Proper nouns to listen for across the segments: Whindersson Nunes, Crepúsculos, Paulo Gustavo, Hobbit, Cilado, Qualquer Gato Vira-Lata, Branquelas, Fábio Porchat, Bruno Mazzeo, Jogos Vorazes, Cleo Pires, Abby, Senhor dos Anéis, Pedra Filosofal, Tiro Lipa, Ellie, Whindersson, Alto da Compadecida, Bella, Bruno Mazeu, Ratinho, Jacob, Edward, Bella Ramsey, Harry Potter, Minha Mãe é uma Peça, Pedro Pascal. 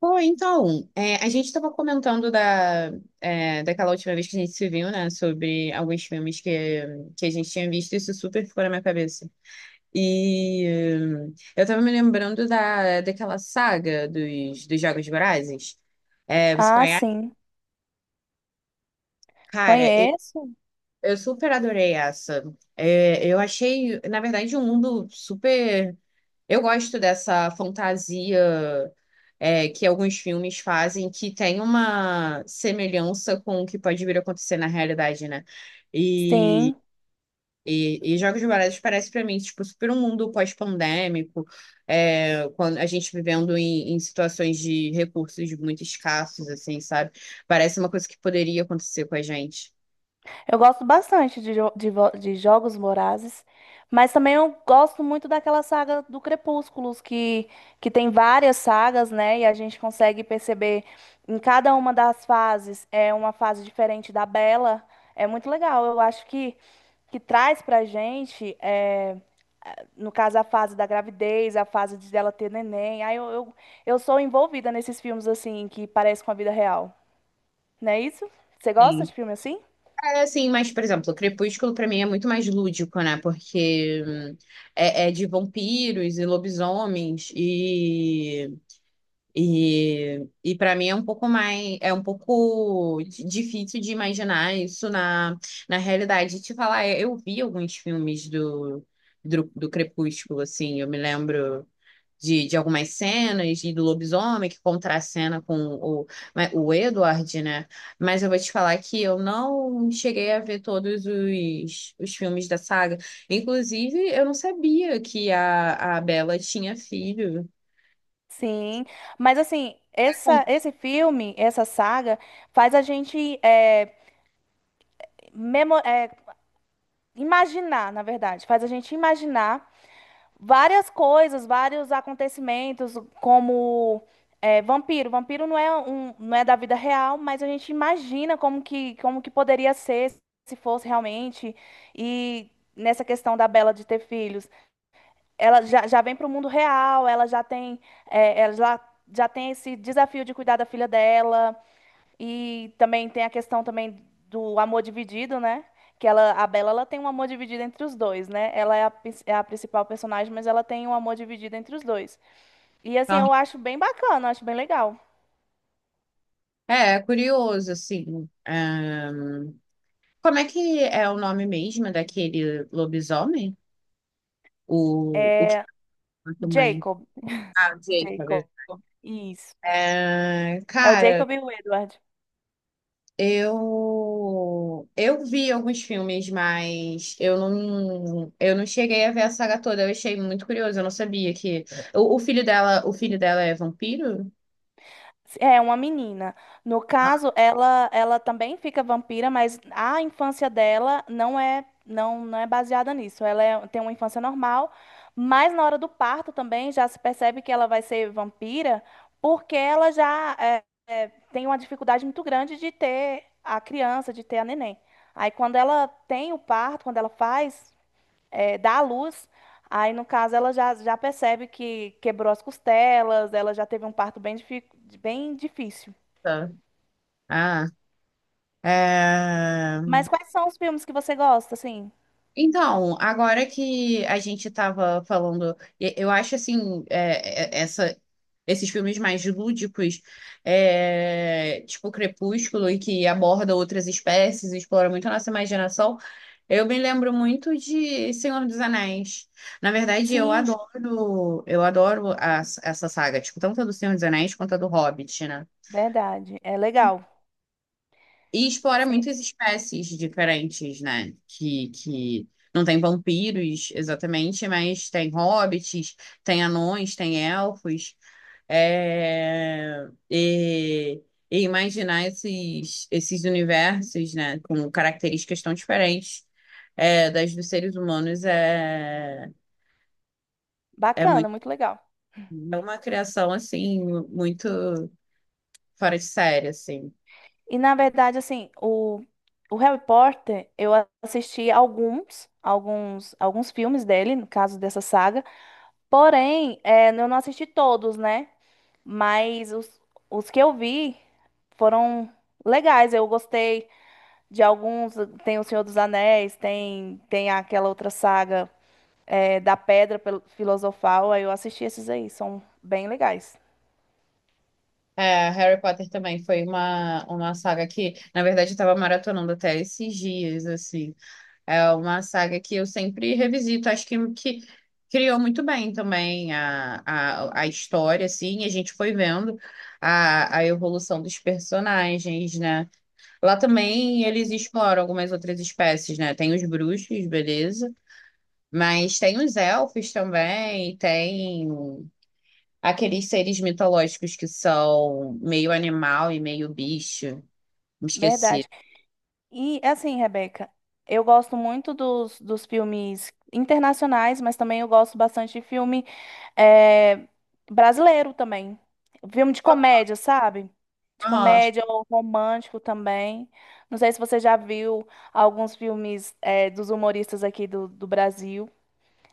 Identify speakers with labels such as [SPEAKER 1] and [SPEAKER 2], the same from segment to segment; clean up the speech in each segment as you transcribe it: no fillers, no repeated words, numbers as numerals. [SPEAKER 1] Pô, então, é, a gente estava comentando da, daquela última vez que a gente se viu, né? Sobre alguns filmes que a gente tinha visto, isso super ficou na minha cabeça. E eu tava me lembrando daquela saga dos Jogos Vorazes. É, você
[SPEAKER 2] Ah,
[SPEAKER 1] conhece?
[SPEAKER 2] sim.
[SPEAKER 1] Cara,
[SPEAKER 2] Conheço.
[SPEAKER 1] eu super adorei essa. É, eu achei, na verdade, um mundo super. Eu gosto dessa fantasia é, que alguns filmes fazem, que tem uma semelhança com o que pode vir a acontecer na realidade, né? E,
[SPEAKER 2] Sim.
[SPEAKER 1] e Jogos Vorazes parece para mim, tipo, super um mundo pós-pandêmico, é, quando a gente vivendo em situações de recursos muito escassos, assim, sabe? Parece uma coisa que poderia acontecer com a gente.
[SPEAKER 2] Eu gosto bastante de, jo- de, vo- de Jogos Vorazes, mas também eu gosto muito daquela saga do Crepúsculos, que tem várias sagas, né? E a gente consegue perceber em cada uma das fases é uma fase diferente da Bella. É muito legal. Que traz pra gente, é, no caso, a fase da gravidez, a fase de dela ter neném. Aí eu sou envolvida nesses filmes, assim, que parecem com a vida real. Não é isso? Você gosta
[SPEAKER 1] Sim.
[SPEAKER 2] de filme assim?
[SPEAKER 1] É assim, mas, por exemplo, o Crepúsculo pra mim é muito mais lúdico, né? Porque é de vampiros e lobisomens e para mim é um pouco mais é um pouco difícil de imaginar isso na, na realidade. Te falar, eu vi alguns filmes do Crepúsculo, assim, eu me lembro de algumas cenas e do lobisomem que contracena com né, o Edward, né? Mas eu vou te falar que eu não cheguei a ver todos os filmes da saga. Inclusive, eu não sabia que a Bella tinha filho.
[SPEAKER 2] Sim, mas assim, esse filme, essa saga, faz a gente memo- é, imaginar, na verdade, faz a gente imaginar várias coisas, vários acontecimentos, como é, vampiro. Vampiro não é da vida real, mas a gente imagina como que poderia ser se fosse realmente. E nessa questão da Bella de ter filhos. Ela já vem para o mundo real, ela já tem esse desafio de cuidar da filha dela e também tem a questão também do amor dividido, né? A Bella, ela tem um amor dividido entre os dois, né? Ela é a principal personagem, mas ela tem um amor dividido entre os dois. E assim,
[SPEAKER 1] Então,
[SPEAKER 2] eu acho bem bacana, acho bem legal.
[SPEAKER 1] é, é curioso, assim. Como é que é o nome mesmo daquele lobisomem? O que
[SPEAKER 2] É o
[SPEAKER 1] também.
[SPEAKER 2] Jacob,
[SPEAKER 1] Ah, Jacob.
[SPEAKER 2] Jacob, isso.
[SPEAKER 1] É,
[SPEAKER 2] É o
[SPEAKER 1] cara,
[SPEAKER 2] Jacob e o Edward.
[SPEAKER 1] Eu vi alguns filmes, mas eu não cheguei a ver a saga toda. Eu achei muito curioso, eu não sabia que o filho dela é vampiro?
[SPEAKER 2] É uma menina. No caso, ela também fica vampira, mas a infância dela não não é baseada nisso. Ela é- tem uma infância normal, mas na hora do parto também já se percebe que ela vai ser vampira, porque ela tem uma dificuldade muito grande de ter a criança, de ter a neném. Aí quando ela tem o parto, quando ela faz dá à luz. Aí, no caso, ela já percebe que quebrou as costelas, ela já teve um parto bem difícil.
[SPEAKER 1] Tá. Ah, é...
[SPEAKER 2] Mas quais são os filmes que você gosta, assim?
[SPEAKER 1] Então, agora que a gente estava falando, eu acho assim, esses filmes mais lúdicos, é, tipo Crepúsculo, e que aborda outras espécies, explora muito a nossa imaginação, eu me lembro muito de Senhor dos Anéis. Na verdade,
[SPEAKER 2] Sim,
[SPEAKER 1] eu adoro essa saga, tipo, tanto a do Senhor dos Anéis quanto a do Hobbit, né?
[SPEAKER 2] verdade. É legal.
[SPEAKER 1] E explora
[SPEAKER 2] Sim,
[SPEAKER 1] muitas espécies diferentes, né? Que não tem vampiros exatamente, mas tem hobbits, tem anões, tem elfos. É... E, e imaginar esses universos, né? Com características tão diferentes é, das dos seres humanos é, é
[SPEAKER 2] bacana,
[SPEAKER 1] muito.
[SPEAKER 2] muito legal.
[SPEAKER 1] É uma criação, assim, muito fora de série, assim.
[SPEAKER 2] E, na verdade, o Harry Potter, eu assisti alguns filmes dele, no caso dessa saga. Porém, é, eu não assisti todos, né? Mas os que eu vi foram legais. Eu gostei de alguns. Tem O Senhor dos Anéis, tem aquela outra saga é, da Pedra Pel- Filosofal. Aí eu assisti esses aí, são bem legais.
[SPEAKER 1] É, Harry Potter também foi uma saga que, na verdade, eu estava maratonando até esses dias, assim. É uma saga que eu sempre revisito, acho que criou muito bem também a história, assim, e a gente foi vendo a evolução dos personagens, né? Lá também eles exploram algumas outras espécies, né? Tem os bruxos, beleza, mas tem os elfos também, tem. Aqueles seres mitológicos que são meio animal e meio bicho. Me esqueci.
[SPEAKER 2] Verdade. E assim, Rebeca, eu gosto muito dos filmes internacionais, mas também eu gosto bastante de filme eh, brasileiro também. Filme de comédia, sabe? De
[SPEAKER 1] Aham.
[SPEAKER 2] comédia ou romântico também. Não sei se você já viu alguns filmes dos humoristas aqui do Brasil.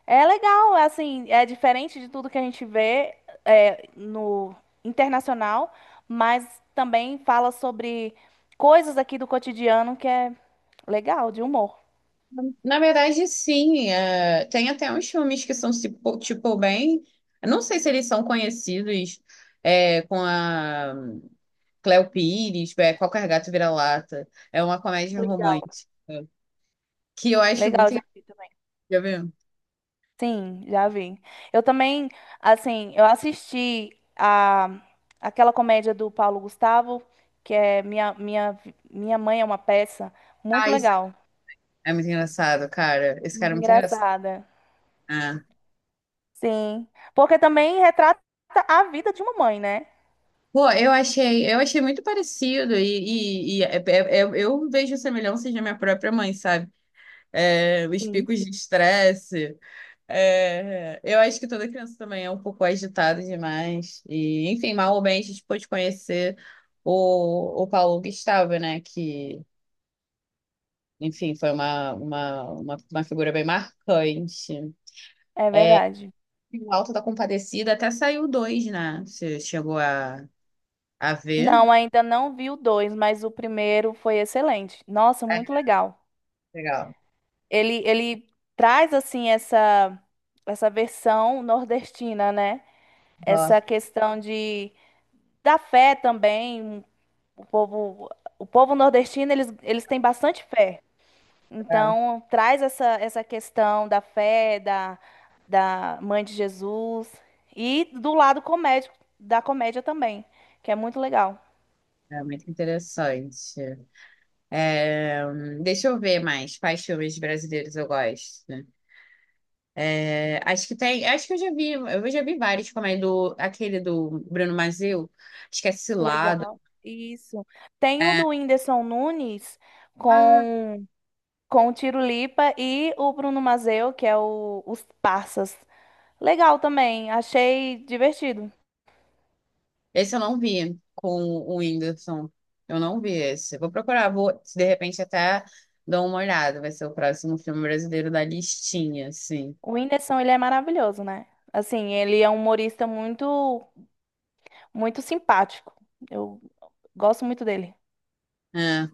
[SPEAKER 2] É legal, assim, é diferente de tudo que a gente vê é, no internacional, mas também fala sobre coisas aqui do cotidiano que é legal, de humor.
[SPEAKER 1] Na verdade, sim. É, tem até uns filmes que são, tipo, bem. Eu Não sei se eles são conhecidos é, com a Cleo Pires, é, Qualquer Gato Vira-Lata. É uma comédia
[SPEAKER 2] Legal.
[SPEAKER 1] romântica que eu acho
[SPEAKER 2] Legal,
[SPEAKER 1] muito
[SPEAKER 2] já
[SPEAKER 1] engraçado.
[SPEAKER 2] vi também.
[SPEAKER 1] Já viu?
[SPEAKER 2] Sim, já vi. Eu também, assim, eu assisti a aquela comédia do Paulo Gustavo, que é Minha Mãe é uma Peça,
[SPEAKER 1] Ah,
[SPEAKER 2] muito
[SPEAKER 1] isso
[SPEAKER 2] legal,
[SPEAKER 1] é muito engraçado, cara. Esse cara
[SPEAKER 2] muito
[SPEAKER 1] é muito engraçado.
[SPEAKER 2] engraçada.
[SPEAKER 1] Ah.
[SPEAKER 2] Sim. Porque também retrata a vida de uma mãe, né?
[SPEAKER 1] Pô, eu achei muito parecido eu vejo semelhanças na minha própria mãe, sabe? É, os
[SPEAKER 2] Sim.
[SPEAKER 1] picos de estresse. É, eu acho que toda criança também é um pouco agitada demais. E, enfim, mal ou bem, a gente pôde conhecer o Paulo Gustavo, né? Que, enfim, foi uma figura bem marcante.
[SPEAKER 2] É
[SPEAKER 1] É,
[SPEAKER 2] verdade.
[SPEAKER 1] e o Alto da Compadecida até saiu dois, né? Você chegou a ver?
[SPEAKER 2] Não, ainda não vi o dois, mas o primeiro foi excelente. Nossa,
[SPEAKER 1] É,
[SPEAKER 2] muito legal.
[SPEAKER 1] legal.
[SPEAKER 2] Ele traz assim essa versão nordestina, né? Essa
[SPEAKER 1] Nossa.
[SPEAKER 2] questão de da fé também. O povo o povo nordestino eles têm bastante fé.
[SPEAKER 1] É.
[SPEAKER 2] Então, traz essa questão da fé, da, da mãe de Jesus e do lado comédico, da comédia também, que é muito legal.
[SPEAKER 1] É muito interessante. É, deixa eu ver mais quais filmes brasileiros eu gosto. É, acho que tem, acho que eu já vi vários, como é do aquele do Bruno Mazzeo, acho que é Cilado.
[SPEAKER 2] Legal. Isso. Tem o
[SPEAKER 1] É.
[SPEAKER 2] do Whindersson Nunes
[SPEAKER 1] Ah,
[SPEAKER 2] com, com o Tiro Lipa e o Bruno Mazeu, que é o, os Parsas. Legal também, achei divertido.
[SPEAKER 1] esse eu não vi com o Whindersson. Eu não vi esse. Vou procurar, vou se de repente até dou uma olhada. Vai ser o próximo filme brasileiro da listinha, assim.
[SPEAKER 2] O Whindersson, ele é maravilhoso, né? Assim, ele é um humorista muito simpático. Eu gosto muito dele.
[SPEAKER 1] É.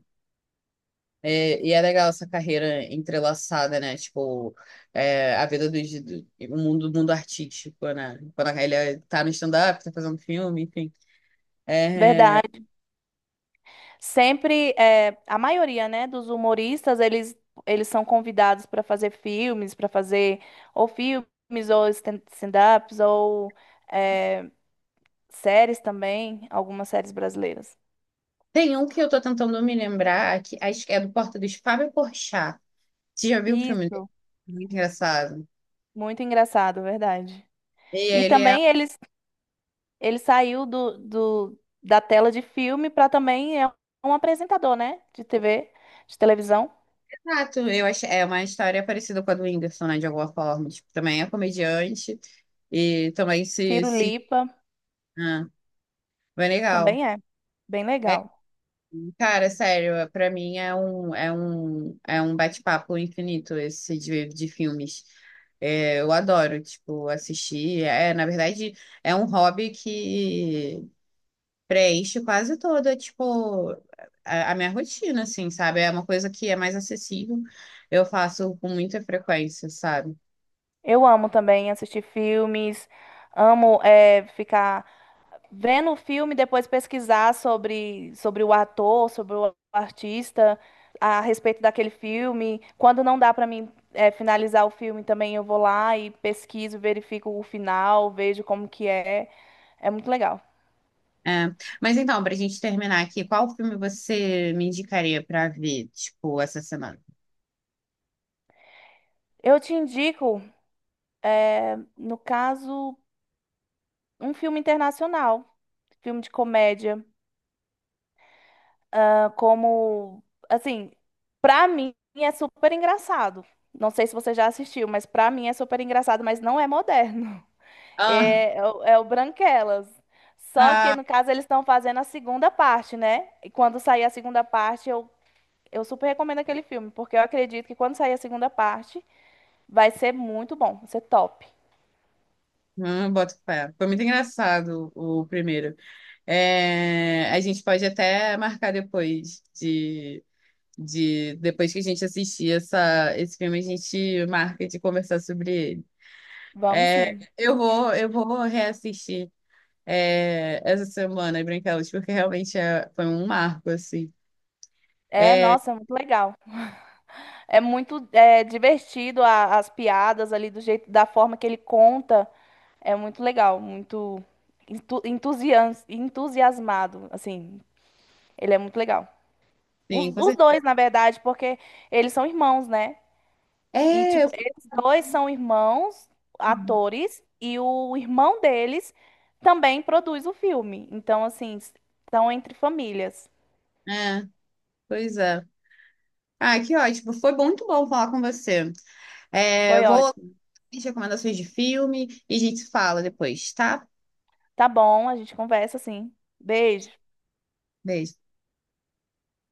[SPEAKER 1] É, e é legal essa carreira entrelaçada, né? Tipo, é, a vida do o mundo artístico, né? Quando ele tá no stand-up, tá fazendo filme, enfim. É,
[SPEAKER 2] Verdade. Sempre, é, a maioria, né, dos humoristas, eles são convidados para fazer filmes, para fazer ou filmes, ou stand-ups, ou é, séries também, algumas séries brasileiras.
[SPEAKER 1] tem um que eu tô tentando me lembrar, que acho que é do Porta dos Fábio Porchat. Você já viu o filme dele?
[SPEAKER 2] Isso,
[SPEAKER 1] Muito engraçado.
[SPEAKER 2] muito engraçado, verdade.
[SPEAKER 1] E
[SPEAKER 2] E
[SPEAKER 1] ele é.
[SPEAKER 2] também eles, ele saiu da tela de filme para também é um apresentador, né, de TV, de televisão.
[SPEAKER 1] Exato, eu acho, é uma história parecida com a do Whindersson, né? De alguma forma. Tipo, também é comediante e também se.
[SPEAKER 2] Tiro
[SPEAKER 1] Se...
[SPEAKER 2] Lipa
[SPEAKER 1] Ah, bem legal.
[SPEAKER 2] também é bem
[SPEAKER 1] É,
[SPEAKER 2] legal.
[SPEAKER 1] cara, sério, pra mim é é um bate-papo infinito esse de filmes. É, eu adoro, tipo, assistir. É, na verdade, é um hobby que preenche quase toda, tipo, a minha rotina, assim, sabe? É uma coisa que é mais acessível. Eu faço com muita frequência, sabe?
[SPEAKER 2] Eu amo também assistir filmes, amo é, ficar vendo o filme, depois pesquisar sobre o ator, sobre o artista, a respeito daquele filme. Quando não dá para mim é, finalizar o filme também, eu vou lá e pesquiso, verifico o final, vejo como que é. É muito legal.
[SPEAKER 1] É. Mas então, pra gente terminar aqui, qual filme você me indicaria pra ver, tipo, essa semana?
[SPEAKER 2] Eu te indico, no caso, um filme internacional, filme de comédia. Como, assim, pra mim é super engraçado. Não sei se você já assistiu, mas pra mim é super engraçado, mas não é moderno.
[SPEAKER 1] Ah,
[SPEAKER 2] É, é o Branquelas. Só que, no caso, eles estão fazendo a segunda parte, né? E quando sair a segunda parte, eu super recomendo aquele filme, porque eu acredito que quando sair a segunda parte, vai ser muito bom, vai ser top.
[SPEAKER 1] hum, boto fé. Foi muito engraçado o primeiro. É, a gente pode até marcar de depois que a gente assistir esse filme, a gente marca de conversar sobre ele.
[SPEAKER 2] Vamos
[SPEAKER 1] É,
[SPEAKER 2] sim.
[SPEAKER 1] eu vou reassistir é, essa semana Branquelas, porque realmente foi um marco, assim.
[SPEAKER 2] É,
[SPEAKER 1] É,
[SPEAKER 2] nossa, muito legal. É muito é, divertido a- as piadas ali do jeito, da forma que ele conta. É muito legal, muito entusiasmado, assim. Ele é muito legal.
[SPEAKER 1] sim, com
[SPEAKER 2] Os dois,
[SPEAKER 1] certeza.
[SPEAKER 2] na verdade, porque eles são irmãos, né? E,
[SPEAKER 1] É,
[SPEAKER 2] tipo,
[SPEAKER 1] eu-
[SPEAKER 2] eles dois são irmãos, atores, e o irmão deles também produz o filme. Então, assim, estão entre famílias.
[SPEAKER 1] é, pois é. Ah, que ótimo. Foi muito bom falar com você. É,
[SPEAKER 2] Foi
[SPEAKER 1] vou
[SPEAKER 2] ótimo.
[SPEAKER 1] recomendações de filme e a gente se fala depois, tá?
[SPEAKER 2] Tá bom, a gente conversa, sim. Beijo.
[SPEAKER 1] Beijo.